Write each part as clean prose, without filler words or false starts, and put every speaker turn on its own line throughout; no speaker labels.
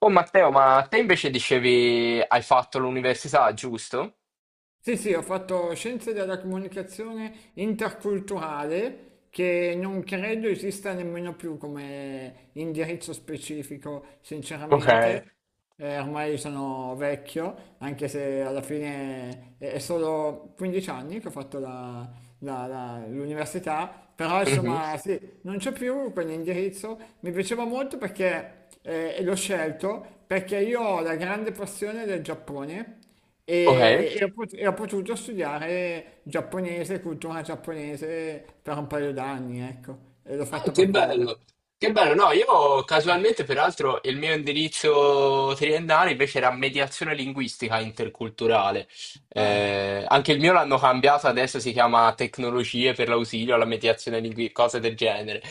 Oh Matteo, ma te invece dicevi hai fatto l'università, giusto?
Sì, sì, ho fatto scienze della comunicazione interculturale che non credo esista nemmeno più come indirizzo specifico,
Ok.
sinceramente. Ormai sono vecchio, anche se alla fine è solo 15 anni che ho fatto l'università, però
Mhm.
insomma sì, non c'è più quell'indirizzo. Mi piaceva molto perché l'ho scelto, perché io ho la grande passione del Giappone
Ok.
e ho potuto studiare giapponese, cultura giapponese per un paio d'anni, ecco, e l'ho
Ah,
fatto
che
per quello.
bello, che bello. No, io casualmente, peraltro, il mio indirizzo triennale invece era mediazione linguistica interculturale.
Ah,
Anche il mio l'hanno cambiato, adesso si chiama tecnologie per l'ausilio alla mediazione linguistica, cose del genere.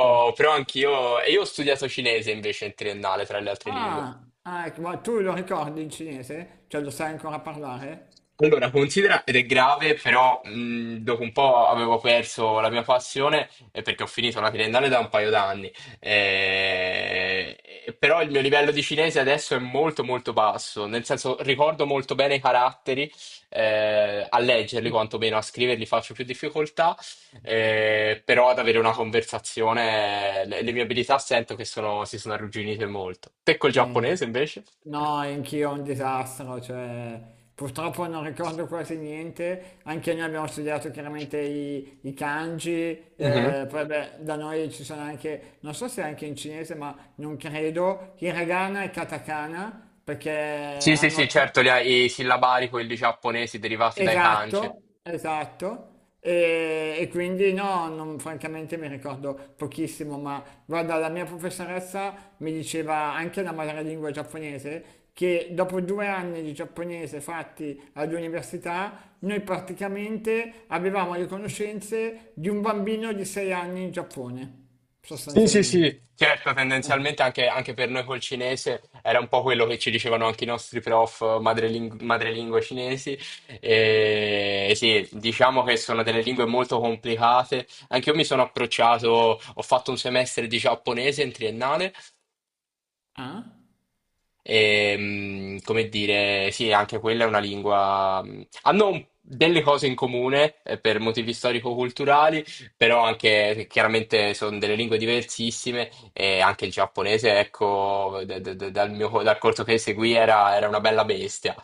certo.
però anch'io, e io ho studiato cinese invece in triennale, tra le altre lingue.
Ah, ah, ecco, ma tu lo ricordi in cinese? Cioè lo sai ancora parlare?
Allora, considera, ed è grave, però dopo un po' avevo perso la mia passione perché ho finito la triennale da un paio d'anni. Eh, però il mio livello di cinese adesso è molto molto basso, nel senso ricordo molto bene i caratteri, a leggerli quantomeno, a scriverli faccio più difficoltà, però ad avere una conversazione le mie abilità sento che si sono arrugginite molto. Te col
Eh,
giapponese invece?
no, anch'io un disastro, cioè purtroppo non ricordo quasi niente, anche noi abbiamo studiato chiaramente i kanji,
Mhm.
poi beh, da noi ci sono anche, non so se anche in cinese, ma non credo, hiragana e katakana, perché
Sì, sì, sì,
hanno tre.
certo, i sillabari, quelli giapponesi derivati dai kanji.
Esatto, esatto. Francamente mi ricordo pochissimo, ma guarda, la mia professoressa mi diceva anche la madrelingua giapponese che dopo 2 anni di giapponese fatti all'università, noi praticamente avevamo le conoscenze di un bambino di 6 anni in Giappone,
Sì, sì,
sostanzialmente.
sì. Certo,
Eh.
tendenzialmente anche per noi col cinese era un po' quello che ci dicevano anche i nostri madrelingua cinesi. E sì, diciamo che sono delle lingue molto complicate. Anche io mi sono approcciato, ho fatto un semestre di giapponese in triennale.
Ah?
E, come dire, sì, anche quella è una lingua. Hanno delle cose in comune per motivi storico-culturali, però anche chiaramente sono delle lingue diversissime e anche il giapponese, ecco, dal corso che seguì era una bella bestia.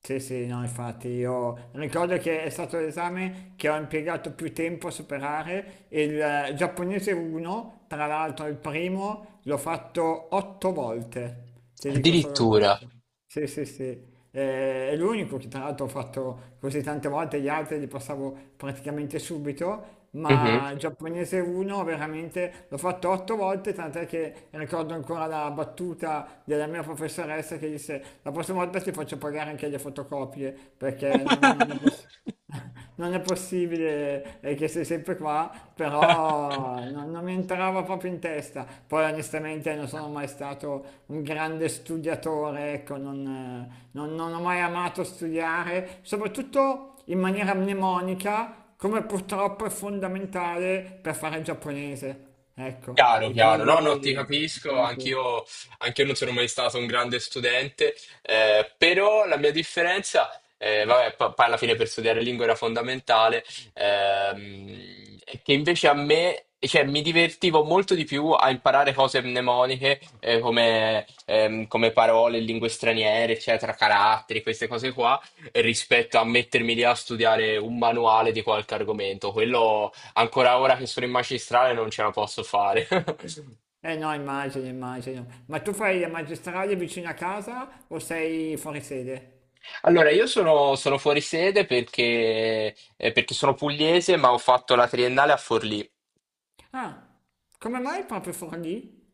Sì, sì, no, infatti io ricordo che è stato l'esame che ho impiegato più tempo a superare, il giapponese 1, tra l'altro il primo, l'ho fatto 8 volte, ti dico solo
Addirittura.
questo. Sì, sì, sì. È l'unico che tra l'altro ho fatto così tante volte, gli altri li passavo praticamente subito,
Mhm.
ma il giapponese 1 veramente l'ho fatto 8 volte, tant'è che ricordo ancora la battuta della mia professoressa che disse la prossima volta ti faccio pagare anche le fotocopie perché non è possibile. Non è possibile, che sei sempre qua, però non mi entrava proprio in testa. Poi onestamente non sono mai stato un grande studiatore, ecco, non ho mai amato studiare, soprattutto in maniera mnemonica, come purtroppo è fondamentale per fare il giapponese. Ecco,
Chiaro, chiaro. No, no, ti capisco,
quindi sì.
anch'io non sono mai stato un grande studente, però la mia differenza, vabbè, poi alla fine per studiare lingua era fondamentale, è che invece a me, cioè, mi divertivo molto di più a imparare cose mnemoniche, come, come parole, lingue straniere, eccetera, caratteri, queste cose qua, rispetto a mettermi lì a studiare un manuale di qualche argomento. Quello ancora ora che sono in magistrale non ce la posso fare.
Eh no, immagino, immagino. Ma tu fai le magistrale vicino a casa o sei fuori sede?
Allora, sono fuori sede perché, perché sono pugliese, ma ho fatto la triennale a Forlì.
Ah, come mai proprio Forlì?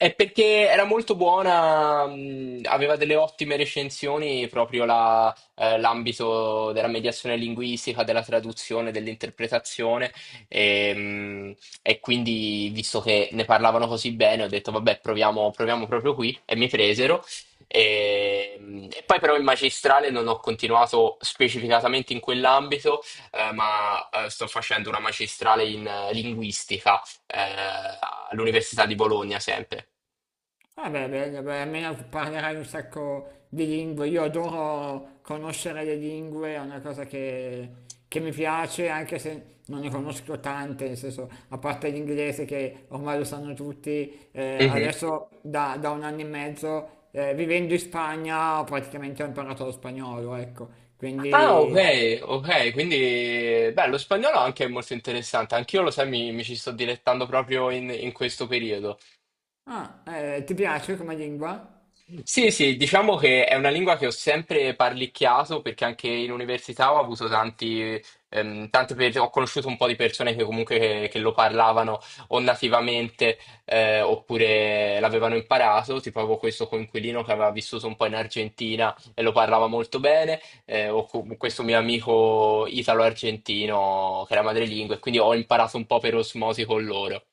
È perché era molto buona, aveva delle ottime recensioni proprio l'ambito della mediazione linguistica, della traduzione, dell'interpretazione e, mh, e quindi visto che ne parlavano così bene ho detto vabbè proviamo proprio qui e mi presero e poi però in magistrale non ho continuato specificatamente in quell'ambito ma sto facendo una magistrale in linguistica eh, all'Università di Bologna sempre.
Ah beh, bene, beh, almeno parlerai un sacco di lingue. Io adoro conoscere le lingue, è una cosa che mi piace, anche se non ne conosco tante, nel senso, a parte l'inglese che ormai lo sanno tutti,
Mhm.
adesso da 1 anno e mezzo, vivendo in Spagna, praticamente ho imparato lo spagnolo, ecco.
Ah,
Quindi,
ok, ok, quindi beh, lo spagnolo anche è molto interessante, anch'io lo sai, mi ci sto dilettando proprio in questo periodo.
ah, ti piace come lingua?
Sì, sì, diciamo che è una lingua che ho sempre parlicchiato perché anche in università ho avuto tanti, ho conosciuto un po' di persone che comunque che lo parlavano o nativamente oppure l'avevano imparato, tipo avevo questo coinquilino che aveva vissuto un po' in Argentina e lo parlava molto bene, o questo mio amico italo-argentino che era madrelingua e quindi ho imparato un po' per osmosi con loro.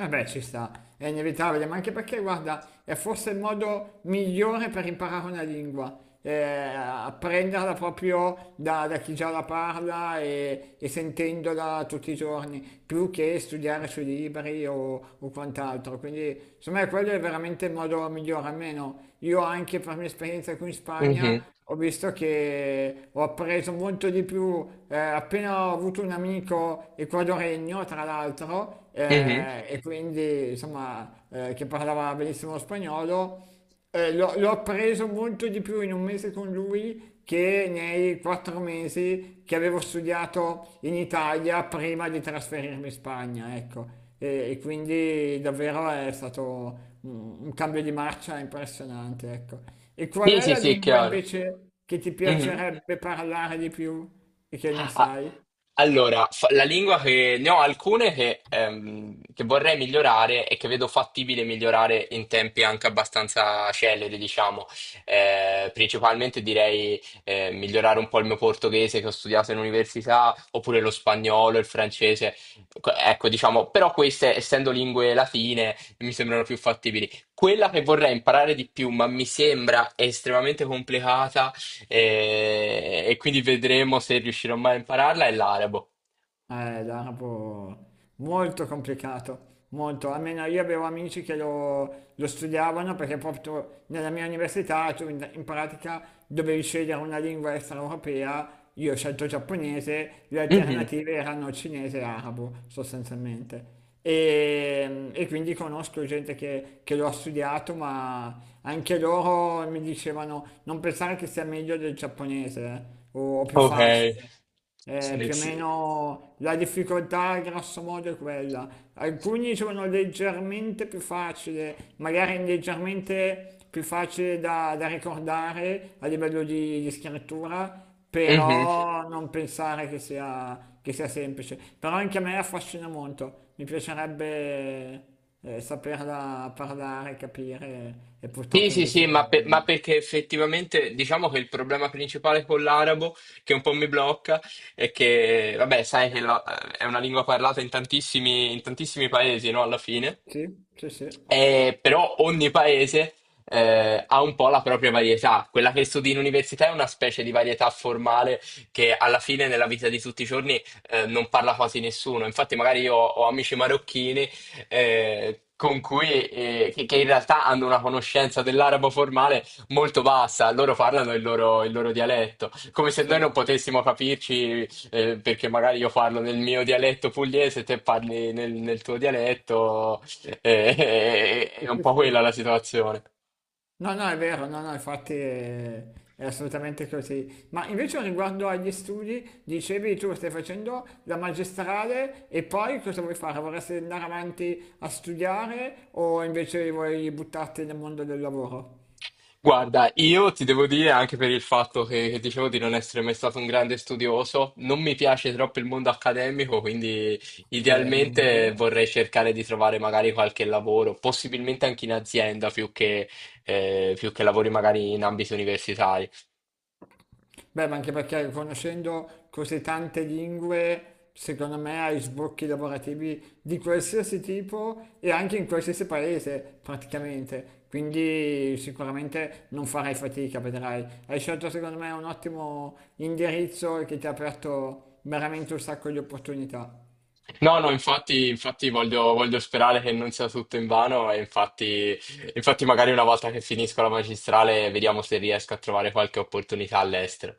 Eh beh, ci sta, è inevitabile, ma anche perché, guarda, è forse il modo migliore per imparare una lingua, apprenderla proprio da chi già la parla e sentendola tutti i giorni, più che studiare sui libri o quant'altro. Quindi, secondo me, quello è veramente il modo migliore, almeno io anche per mia esperienza qui in Spagna
Mhm,
ho visto che ho appreso molto di più appena ho avuto un amico ecuadoregno, tra l'altro,
mhm.
e quindi insomma che parlava benissimo lo spagnolo, l'ho appreso molto di più in un mese con lui che nei 4 mesi che avevo studiato in Italia prima di trasferirmi in Spagna, ecco. E quindi davvero è stato un cambio di marcia impressionante, ecco. E qual
Sì,
è
sì,
la
sì,
lingua
chiaro.
invece che ti
Mhm.
piacerebbe parlare di più e che non
Ah,
sai?
allora, la lingua che ne ho alcune che vorrei migliorare e che vedo fattibile migliorare in tempi anche abbastanza celeri, diciamo. Principalmente direi migliorare un po' il mio portoghese che ho studiato in università, oppure lo spagnolo, il francese. Ecco, diciamo, però queste, essendo lingue latine, mi sembrano più fattibili. Quella che vorrei imparare di più, ma mi sembra estremamente complicata e quindi vedremo se riuscirò mai a impararla, è l'arabo.
L'arabo molto complicato, molto. Almeno io avevo amici che lo studiavano perché proprio nella mia università tu in pratica dovevi scegliere una lingua extraeuropea. Io ho scelto giapponese, le
Mhm.
alternative erano cinese e arabo sostanzialmente. E quindi conosco gente che lo ha studiato, ma anche loro mi dicevano non pensare che sia meglio del giapponese o più
Ok.
facile.
Sì,
Più o
sì.
meno la difficoltà, grosso modo, è quella. Alcuni sono leggermente più facili, magari leggermente più facili da ricordare a livello di scrittura,
Mhm.
però non pensare che sia semplice. Però anche a me affascina molto, mi piacerebbe saperla parlare, capire, e
Sì,
purtroppo
sì, sì, ma,
invece
ma
no.
perché effettivamente diciamo che il problema principale con l'arabo, che un po' mi blocca, è che, vabbè, sai è una lingua parlata in tantissimi paesi, no? Alla fine.
Sì, sì, sì,
Però ogni paese ha un po' la propria varietà. Quella che studi in università è una specie di varietà formale che alla fine nella vita di tutti i giorni non parla quasi nessuno. Infatti, magari io ho amici marocchini con cui, che in realtà hanno una conoscenza dell'arabo formale molto bassa. Loro parlano il loro dialetto, come se noi non
certo.
potessimo capirci perché magari io parlo nel mio dialetto pugliese e te parli nel tuo dialetto. È un po' quella la situazione.
No, no, è vero, no, no, infatti è assolutamente così. Ma invece riguardo agli studi, dicevi tu stai facendo la magistrale e poi cosa vuoi fare? Vorresti andare avanti a studiare o invece vuoi buttarti nel mondo del lavoro?
Guarda, io ti devo dire anche per il fatto che dicevo di non essere mai stato un grande studioso, non mi piace troppo il mondo accademico, quindi
Bene, anch'io.
idealmente vorrei cercare di trovare magari qualche lavoro, possibilmente anche in azienda più più che lavori magari in ambito universitario.
Beh, ma anche perché conoscendo così tante lingue, secondo me hai sbocchi lavorativi di qualsiasi tipo e anche in qualsiasi paese praticamente. Quindi sicuramente non farai fatica, vedrai. Hai scelto secondo me un ottimo indirizzo che ti ha aperto veramente un sacco di opportunità.
No, no, infatti, infatti voglio sperare che non sia tutto invano e infatti, infatti magari una volta che finisco la magistrale vediamo se riesco a trovare qualche opportunità all'estero.